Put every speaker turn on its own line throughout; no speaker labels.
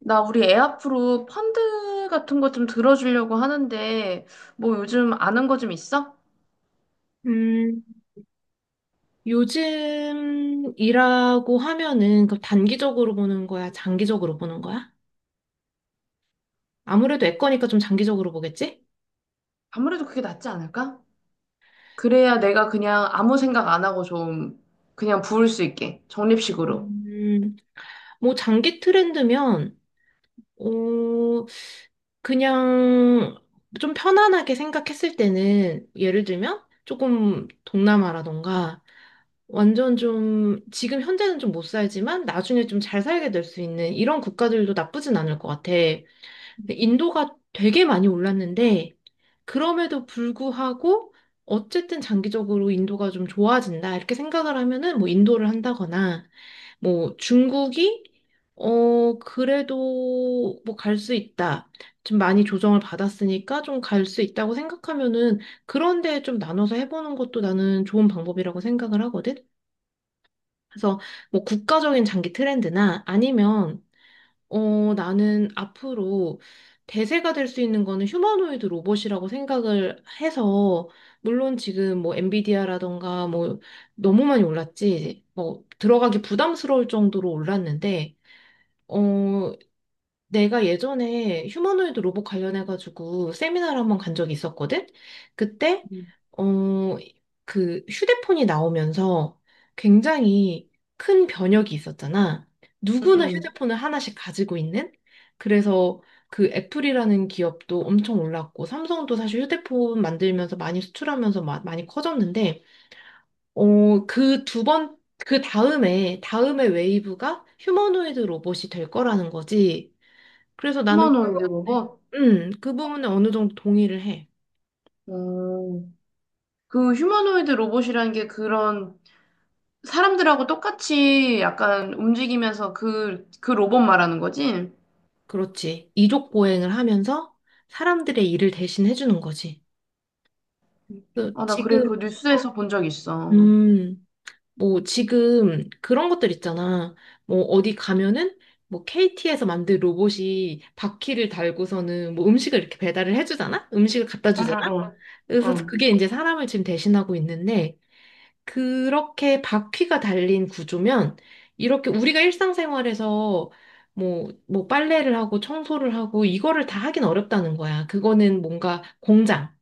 나 우리 애 앞으로 펀드 같은 거 좀 들어주려고 하는데, 뭐 요즘 아는 거 좀 있어?
음, 요즘 이라고 하면은 그 단기적으로 보는 거야? 장기적으로 보는 거야? 아무래도 애 거니까 좀 장기적으로 보겠지?
아무래도 그게 낫지 않을까? 그래야 내가 그냥 아무 생각 안 하고 좀 그냥 부을 수 있게, 적립식으로.
음, 뭐 장기 트렌드면, 어, 그냥 좀 편안하게 생각했을 때는 예를 들면 조금 동남아라던가 완전 좀 지금 현재는 좀 못 살지만 나중에 좀 잘 살게 될 수 있는 이런 국가들도 나쁘진 않을 것 같아. 근데 인도가 되게 많이 올랐는데 그럼에도 불구하고 어쨌든 장기적으로 인도가 좀 좋아진다 이렇게 생각을 하면은 뭐 인도를 한다거나 뭐 중국이 그래도 뭐 갈 수 있다. 좀 많이 조정을 받았으니까 좀 갈 수 있다고 생각하면은 그런 데좀 나눠서 해보는 것도 나는 좋은 방법이라고 생각을 하거든. 그래서 뭐 국가적인 장기 트렌드나 아니면 나는 앞으로 대세가 될 수 있는 거는 휴머노이드 로봇이라고 생각을 해서, 물론 지금 뭐 엔비디아라던가 뭐 너무 많이 올랐지, 뭐 들어가기 부담스러울 정도로 올랐는데, 어, 내가 예전에 휴머노이드 로봇 관련해가지고 세미나를 한 번 간 적이 있었거든? 그때,
음.
어, 그 휴대폰이 나오면서 굉장히 큰 변혁이 있었잖아.
응,
누구나
응.
휴대폰을 하나씩 가지고 있는? 그래서 그 애플이라는 기업도 엄청 올랐고, 삼성도 사실 휴대폰 만들면서 많이 수출하면서 많이 커졌는데, 어, 그 두 번, 그 다음에 웨이브가 휴머노이드 로봇이 될 거라는 거지. 그래서 나는
휴머노이드
네.
로봇?
그 부분은 어느 정도 동의를 해.
어, 그 휴머노이드 로봇이라는 게 그런 사람들하고 똑같이 약간 움직이면서 그 로봇 말하는 거지?
그렇지. 이족 보행을 하면서 사람들의 일을 대신 해주는 거지. 그
아, 나
지금,
그 뉴스에서 본 적 있어.
음, 뭐 지금 그런 것들 있잖아. 뭐 어디 가면은 뭐 KT에서 만든 로봇이 바퀴를 달고서는 뭐 음식을 이렇게 배달을 해주잖아? 음식을 갖다
응,
주잖아?
응, 응.
그래서
응.
그게 이제 사람을 지금 대신하고 있는데 그렇게 바퀴가 달린 구조면 이렇게 우리가 일상생활에서 뭐 빨래를 하고 청소를 하고 이거를 다 하긴 어렵다는 거야. 그거는 뭔가 공장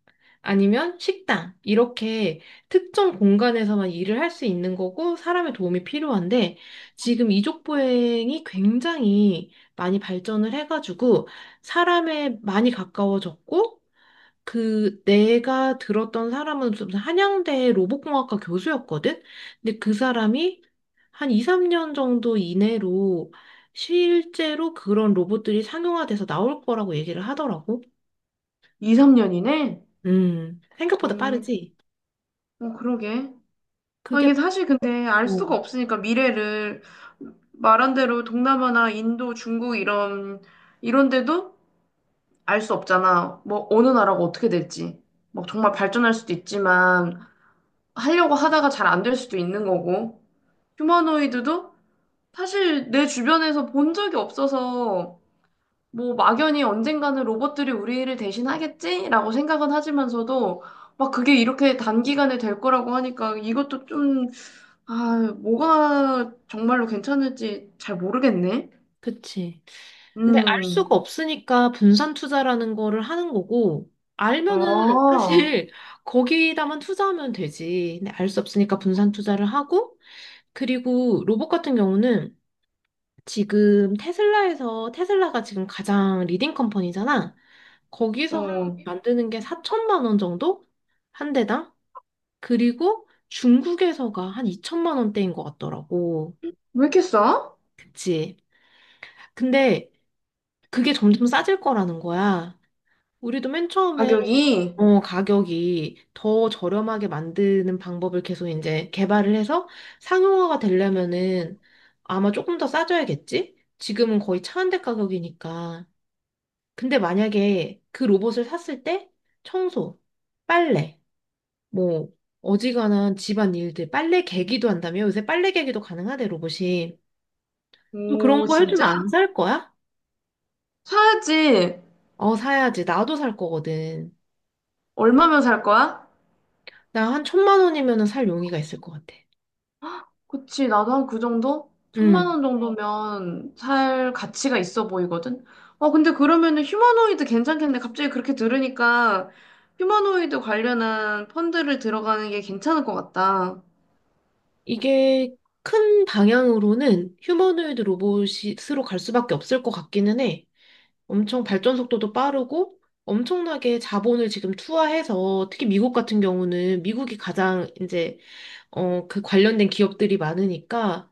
아니면 식당 이렇게 특정 공간에서만 일을 할 수 있는 거고 사람의 도움이 필요한데 지금 이족 보행이 굉장히 많이 발전을 해가지고 사람에 많이 가까워졌고 그 내가 들었던 사람은 좀 한양대 로봇공학과 교수였거든? 근데 그 사람이 한 2, 3년 정도 이내로 실제로 그런 로봇들이 상용화돼서 나올 거라고 얘기를 하더라고.
2, 3년이네?
생각보다
음,
빠르지?
어, 그러게. 아,
그게,
이게 사실 근데 알 수가
어,
없으니까 미래를 말한 대로 동남아나 인도, 중국 이런 데도 알 수 없잖아. 뭐 어느 나라가 어떻게 될지. 막 정말 발전할 수도 있지만 하려고 하다가 잘 안 될 수도 있는 거고. 휴머노이드도 사실 내 주변에서 본 적이 없어서 뭐 막연히 언젠가는 로봇들이 우리를 대신하겠지라고 생각은 하지만서도 막 그게 이렇게 단기간에 될 거라고 하니까 이것도 좀 아, 뭐가 정말로 괜찮을지 잘 모르겠네.
그치. 근데 알
음,
수가 없으니까 분산 투자라는 거를 하는 거고,
아,
알면은
어,
사실 거기다만 투자하면 되지. 근데 알 수 없으니까 분산 투자를 하고, 그리고 로봇 같은 경우는 지금 테슬라에서 테슬라가 지금 가장 리딩 컴퍼니잖아. 거기서
왜
만드는 게 4천만 원 정도 한 대당. 그리고 중국에서가 한 2천만 원대인 것 같더라고.
이렇게 싸?
그치? 근데 그게 점점 싸질 거라는 거야. 우리도 맨 처음에
가격이?
가격이 더 저렴하게 만드는 방법을 계속 이제 개발을 해서 상용화가 되려면은 아마 조금 더 싸져야겠지? 지금은 거의 차한대 가격이니까. 근데 만약에 그 로봇을 샀을 때 청소, 빨래, 뭐 어지간한 집안 일들, 빨래 개기도 한다며? 요새 빨래 개기도 가능하대, 로봇이. 너 그런
오,
거 해주면
진짜?
안 살 거야?
사야지.
어, 사야지. 나도 살 거거든.
얼마면 살 거야?
나 한 천만 원이면은 살 용의가 있을 것 같아.
그치, 나도 한 그 정도? 천만
음,
원 응. 정도면 살 가치가 있어 보이거든? 어, 근데 그러면은 휴머노이드 괜찮겠네. 갑자기 그렇게 들으니까 휴머노이드 관련한 펀드를 들어가는 게 괜찮을 것 같다.
이게 큰 방향으로는 휴머노이드 로봇으로 갈 수밖에 없을 것 같기는 해. 엄청 발전 속도도 빠르고 엄청나게 자본을 지금 투하해서 특히 미국 같은 경우는 미국이 가장 이제 그 관련된 기업들이 많으니까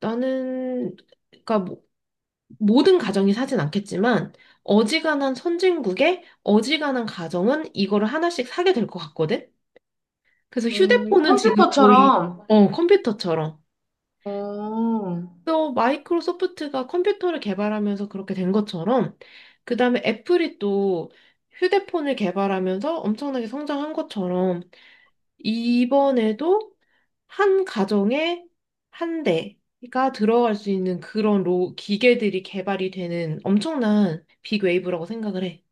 나는 그러니까 모든 가정이 사진 않겠지만 어지간한 선진국의 어지간한 가정은 이거를 하나씩 사게 될 것 같거든. 그래서 휴대폰은 지금 거의
컴퓨터처럼.
어, 컴퓨터처럼
어.
또 마이크로소프트가 컴퓨터를 개발하면서 그렇게 된 것처럼 그 다음에 애플이 또 휴대폰을 개발하면서 엄청나게 성장한 것처럼 이번에도 한 가정에 한 대가 들어갈 수 있는 그런 기계들이 개발이 되는 엄청난 빅웨이브라고 생각을 해.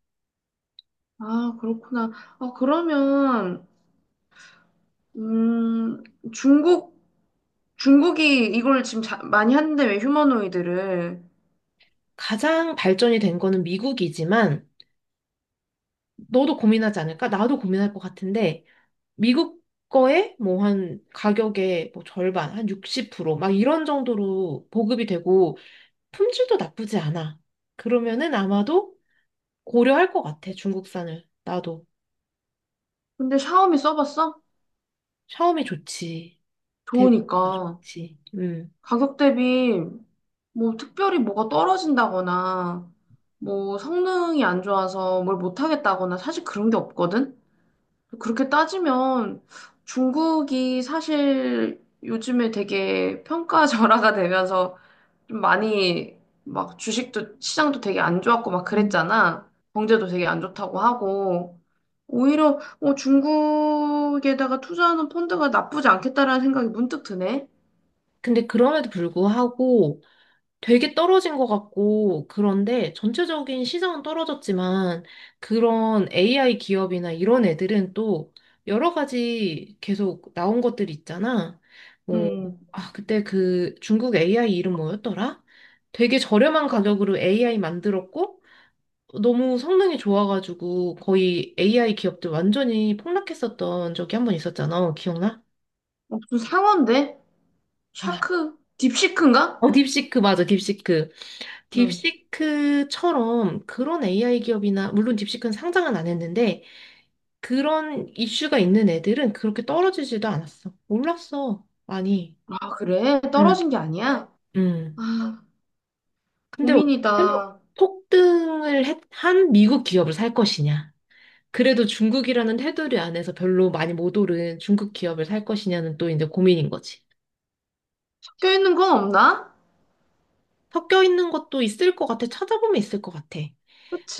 아, 그렇구나. 아, 그러면, 음, 중국, 중국이 이걸 지금 많이 하는데 왜 휴머노이드를.
가장 발전이 된 거는 미국이지만 너도 고민하지 않을까? 나도 고민할 것 같은데 미국 거에 뭐 한 가격의 뭐 절반, 한 60%막 이런 정도로 보급이 되고 품질도 나쁘지 않아. 그러면은 아마도 고려할 것 같아, 중국산을. 나도.
근데 샤오미 써봤어?
샤오미 좋지. 대부분 다
좋으니까.
좋지. 음.
가격 대비 뭐 특별히 뭐가 떨어진다거나, 뭐 성능이 안 좋아서 뭘 못하겠다거나 사실 그런 게 없거든? 그렇게 따지면 중국이 사실 요즘에 되게 평가절하가 되면서 좀 많이 막 주식도 시장도 되게 안 좋았고 막
음.
그랬잖아. 경제도 되게 안 좋다고 하고 오히려 어, 중국에다가 투자하는 펀드가 나쁘지 않겠다라는 생각이 문득 드네.
근데 그럼에도 불구하고 되게 떨어진 것 같고, 그런데 전체적인 시장은 떨어졌지만, 그런 AI 기업이나 이런 애들은 또 여러 가지 계속 나온 것들 있잖아. 뭐
음,
아, 그때 그 중국 AI 이름 뭐였더라? 되게 저렴한 가격으로 AI 만들었고, 너무 성능이 좋아가지고 거의 AI 기업들 완전히 폭락했었던 적이 한 번 있었잖아. 기억나?
어, 무슨 상어인데?
아,
샤크? 딥시크인가?
딥시크 맞아, 딥시크.
응.
딥시크처럼 그런 AI 기업이나, 물론 딥시크는 상장은 안 했는데, 그런 이슈가 있는 애들은 그렇게 떨어지지도 않았어. 올랐어. 많이.
아, 그래?
음.
떨어진 게 아니야?
음.
아,
근데
고민이다.
어쨌든 한 미국 기업을 살 것이냐. 그래도 중국이라는 테두리 안에서 별로 많이 못 오른 중국 기업을 살 것이냐는 또 이제 고민인 거지.
섞여 있는 건 없나?
섞여 있는 것도 있을 것 같아. 찾아보면 있을 것 같아.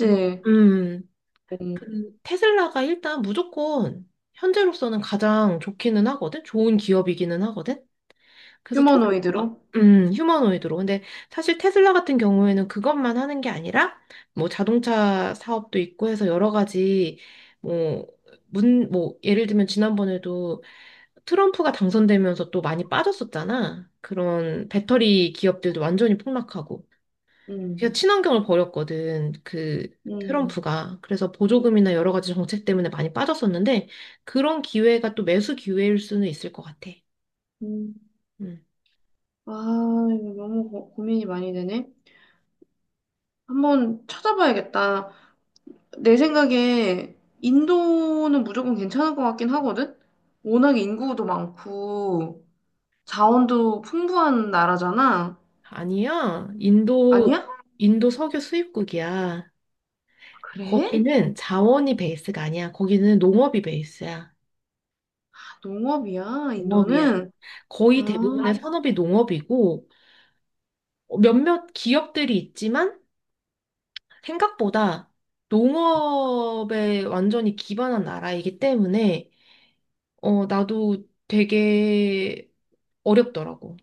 그래서
음,
그 테슬라가 일단 무조건 현재로서는 가장 좋기는 하거든? 좋은 기업이기는 하거든? 그래서
휴머노이드로?
테슬라가, 휴머노이드로. 근데 사실 테슬라 같은 경우에는 그것만 하는 게 아니라 뭐 자동차 사업도 있고 해서 여러 가지 뭐, 예를 들면 지난번에도 트럼프가 당선되면서 또 많이 빠졌었잖아. 그런 배터리 기업들도 완전히 폭락하고.
음,
제가 친환경을 버렸거든. 그
음,
트럼프가. 그래서 보조금이나 여러 가지 정책 때문에 많이 빠졌었는데 그런 기회가 또 매수 기회일 수는 있을 것 같아.
음.
음.
아, 이거 너무 고민이 많이 되네. 한번 찾아봐야겠다. 내 생각에 인도는 무조건 괜찮을 것 같긴 하거든? 워낙 인구도 많고, 자원도 풍부한 나라잖아.
아니야. 인도
아니야?
인도 석유 수입국이야.
그래?
거기는 자원이 베이스가 아니야. 거기는 농업이 베이스야.
아, 농업이야,
농업이야.
인도는.
거의 대부분의
아,
산업이 농업이고 몇몇 기업들이 있지만 생각보다 농업에 완전히 기반한 나라이기 때문에 나도 되게 어렵더라고.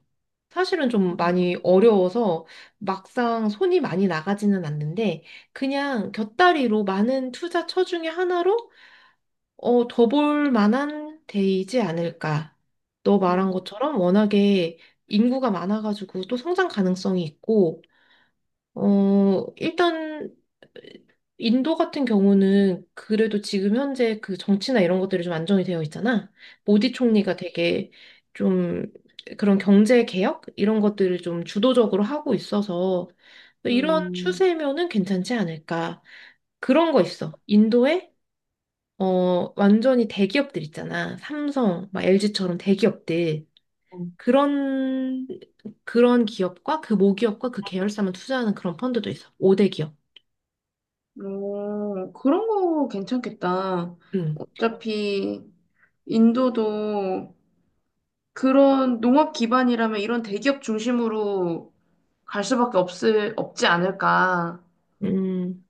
사실은 좀 많이 어려워서 막상 손이 많이 나가지는 않는데 그냥 곁다리로 많은 투자처 중에 하나로 더 볼 만한 데이지 않을까. 너 말한
음,
것처럼 워낙에 인구가 많아가지고 또 성장 가능성이 있고 일단, 인도 같은 경우는 그래도 지금 현재 그 정치나 이런 것들이 좀 안정이 되어 있잖아. 모디 총리가 되게 좀 그런 경제 개혁? 이런 것들을 좀 주도적으로 하고 있어서 이런
음.
추세면은 괜찮지 않을까. 그런 거 있어. 인도에, 완전히 대기업들 있잖아. 삼성, 막 LG처럼 대기업들. 그런, 그런 기업과 그 모기업과 그 계열사만 투자하는 그런 펀드도 있어. 5대 기업.
어, 그런 거 괜찮겠다.
음,
어차피 인도도 그런 농업 기반이라면 이런 대기업 중심으로 갈 수밖에 없지 않을까.
음,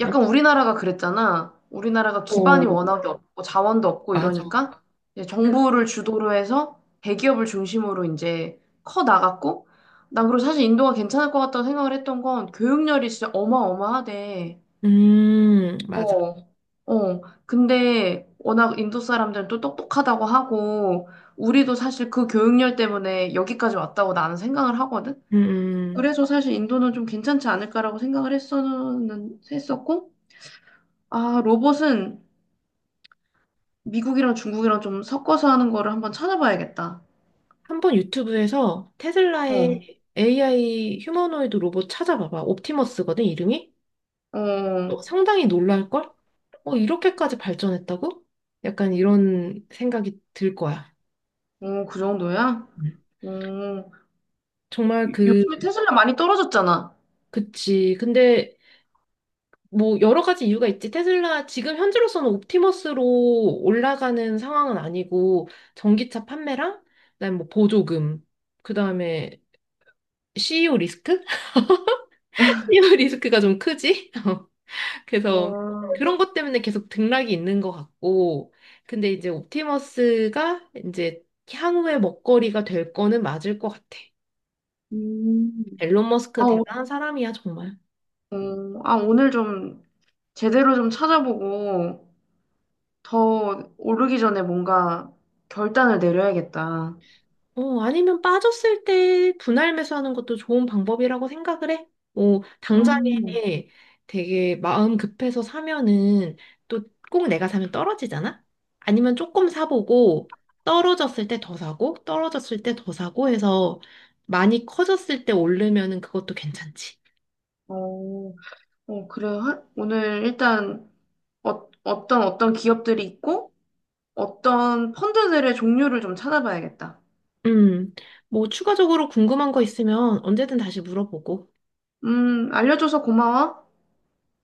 맞아.
약간 우리나라가 그랬잖아. 우리나라가
어,
기반이 워낙에 없고 자원도 없고
맞아.
이러니까 이제 정부를 주도로 해서 대기업을 중심으로 이제 커 나갔고, 난 그리고 사실 인도가 괜찮을 것 같다고 생각을 했던 건 교육열이 진짜 어마어마하대.
맞아.
어, 어. 근데 워낙 인도 사람들은 또 똑똑하다고 하고, 우리도 사실 그 교육열 때문에 여기까지 왔다고 나는 생각을 하거든?
음,
그래서 사실 인도는 좀 괜찮지 않을까라고 했었고, 아, 로봇은 미국이랑 중국이랑 좀 섞어서 하는 거를 한번 찾아봐야겠다.
한번 유튜브에서
어,
테슬라의 AI 휴머노이드 로봇 찾아봐봐. 옵티머스거든, 이름이?
어,
상당히 놀랄걸? 이렇게까지 발전했다고? 약간 이런 생각이 들 거야.
어, 그 정도야?
음.
어,
정말
요즘에 테슬라 많이 떨어졌잖아.
그치. 근데 뭐 여러 가지 이유가 있지. 테슬라 지금 현재로서는 옵티머스로 올라가는 상황은 아니고 전기차 판매랑 그다음에 뭐 보조금, 그다음에 CEO 리스크? CEO 리스크가 좀 크지? 그래서
어,
그런 것 때문에 계속 등락이 있는 것 같고 근데 이제 옵티머스가 이제 향후의 먹거리가 될 거는 맞을 것 같아.
음.
앨런
아,
머스크
오,
대단한 사람이야, 정말.
어, 아, 오늘 좀 제대로 좀 찾아보고 더 오르기 전에 뭔가 결단을 내려야겠다. 아,
아니면 빠졌을 때 분할 매수하는 것도 좋은 방법이라고 생각을 해. 당장에
음,
되게 마음 급해서 사면은 또 꼭 내가 사면 떨어지잖아? 아니면 조금 사보고 떨어졌을 때 더 사고 떨어졌을 때 더 사고 해서 많이 커졌을 때 오르면은 그것도 괜찮지.
어, 어, 그래. 오늘 일단 어, 어떤 기업들이 있고 어떤 펀드들의 종류를 좀 찾아봐야겠다.
음, 뭐 추가적으로 궁금한 거 있으면 언제든 다시 물어보고.
알려줘서 고마워.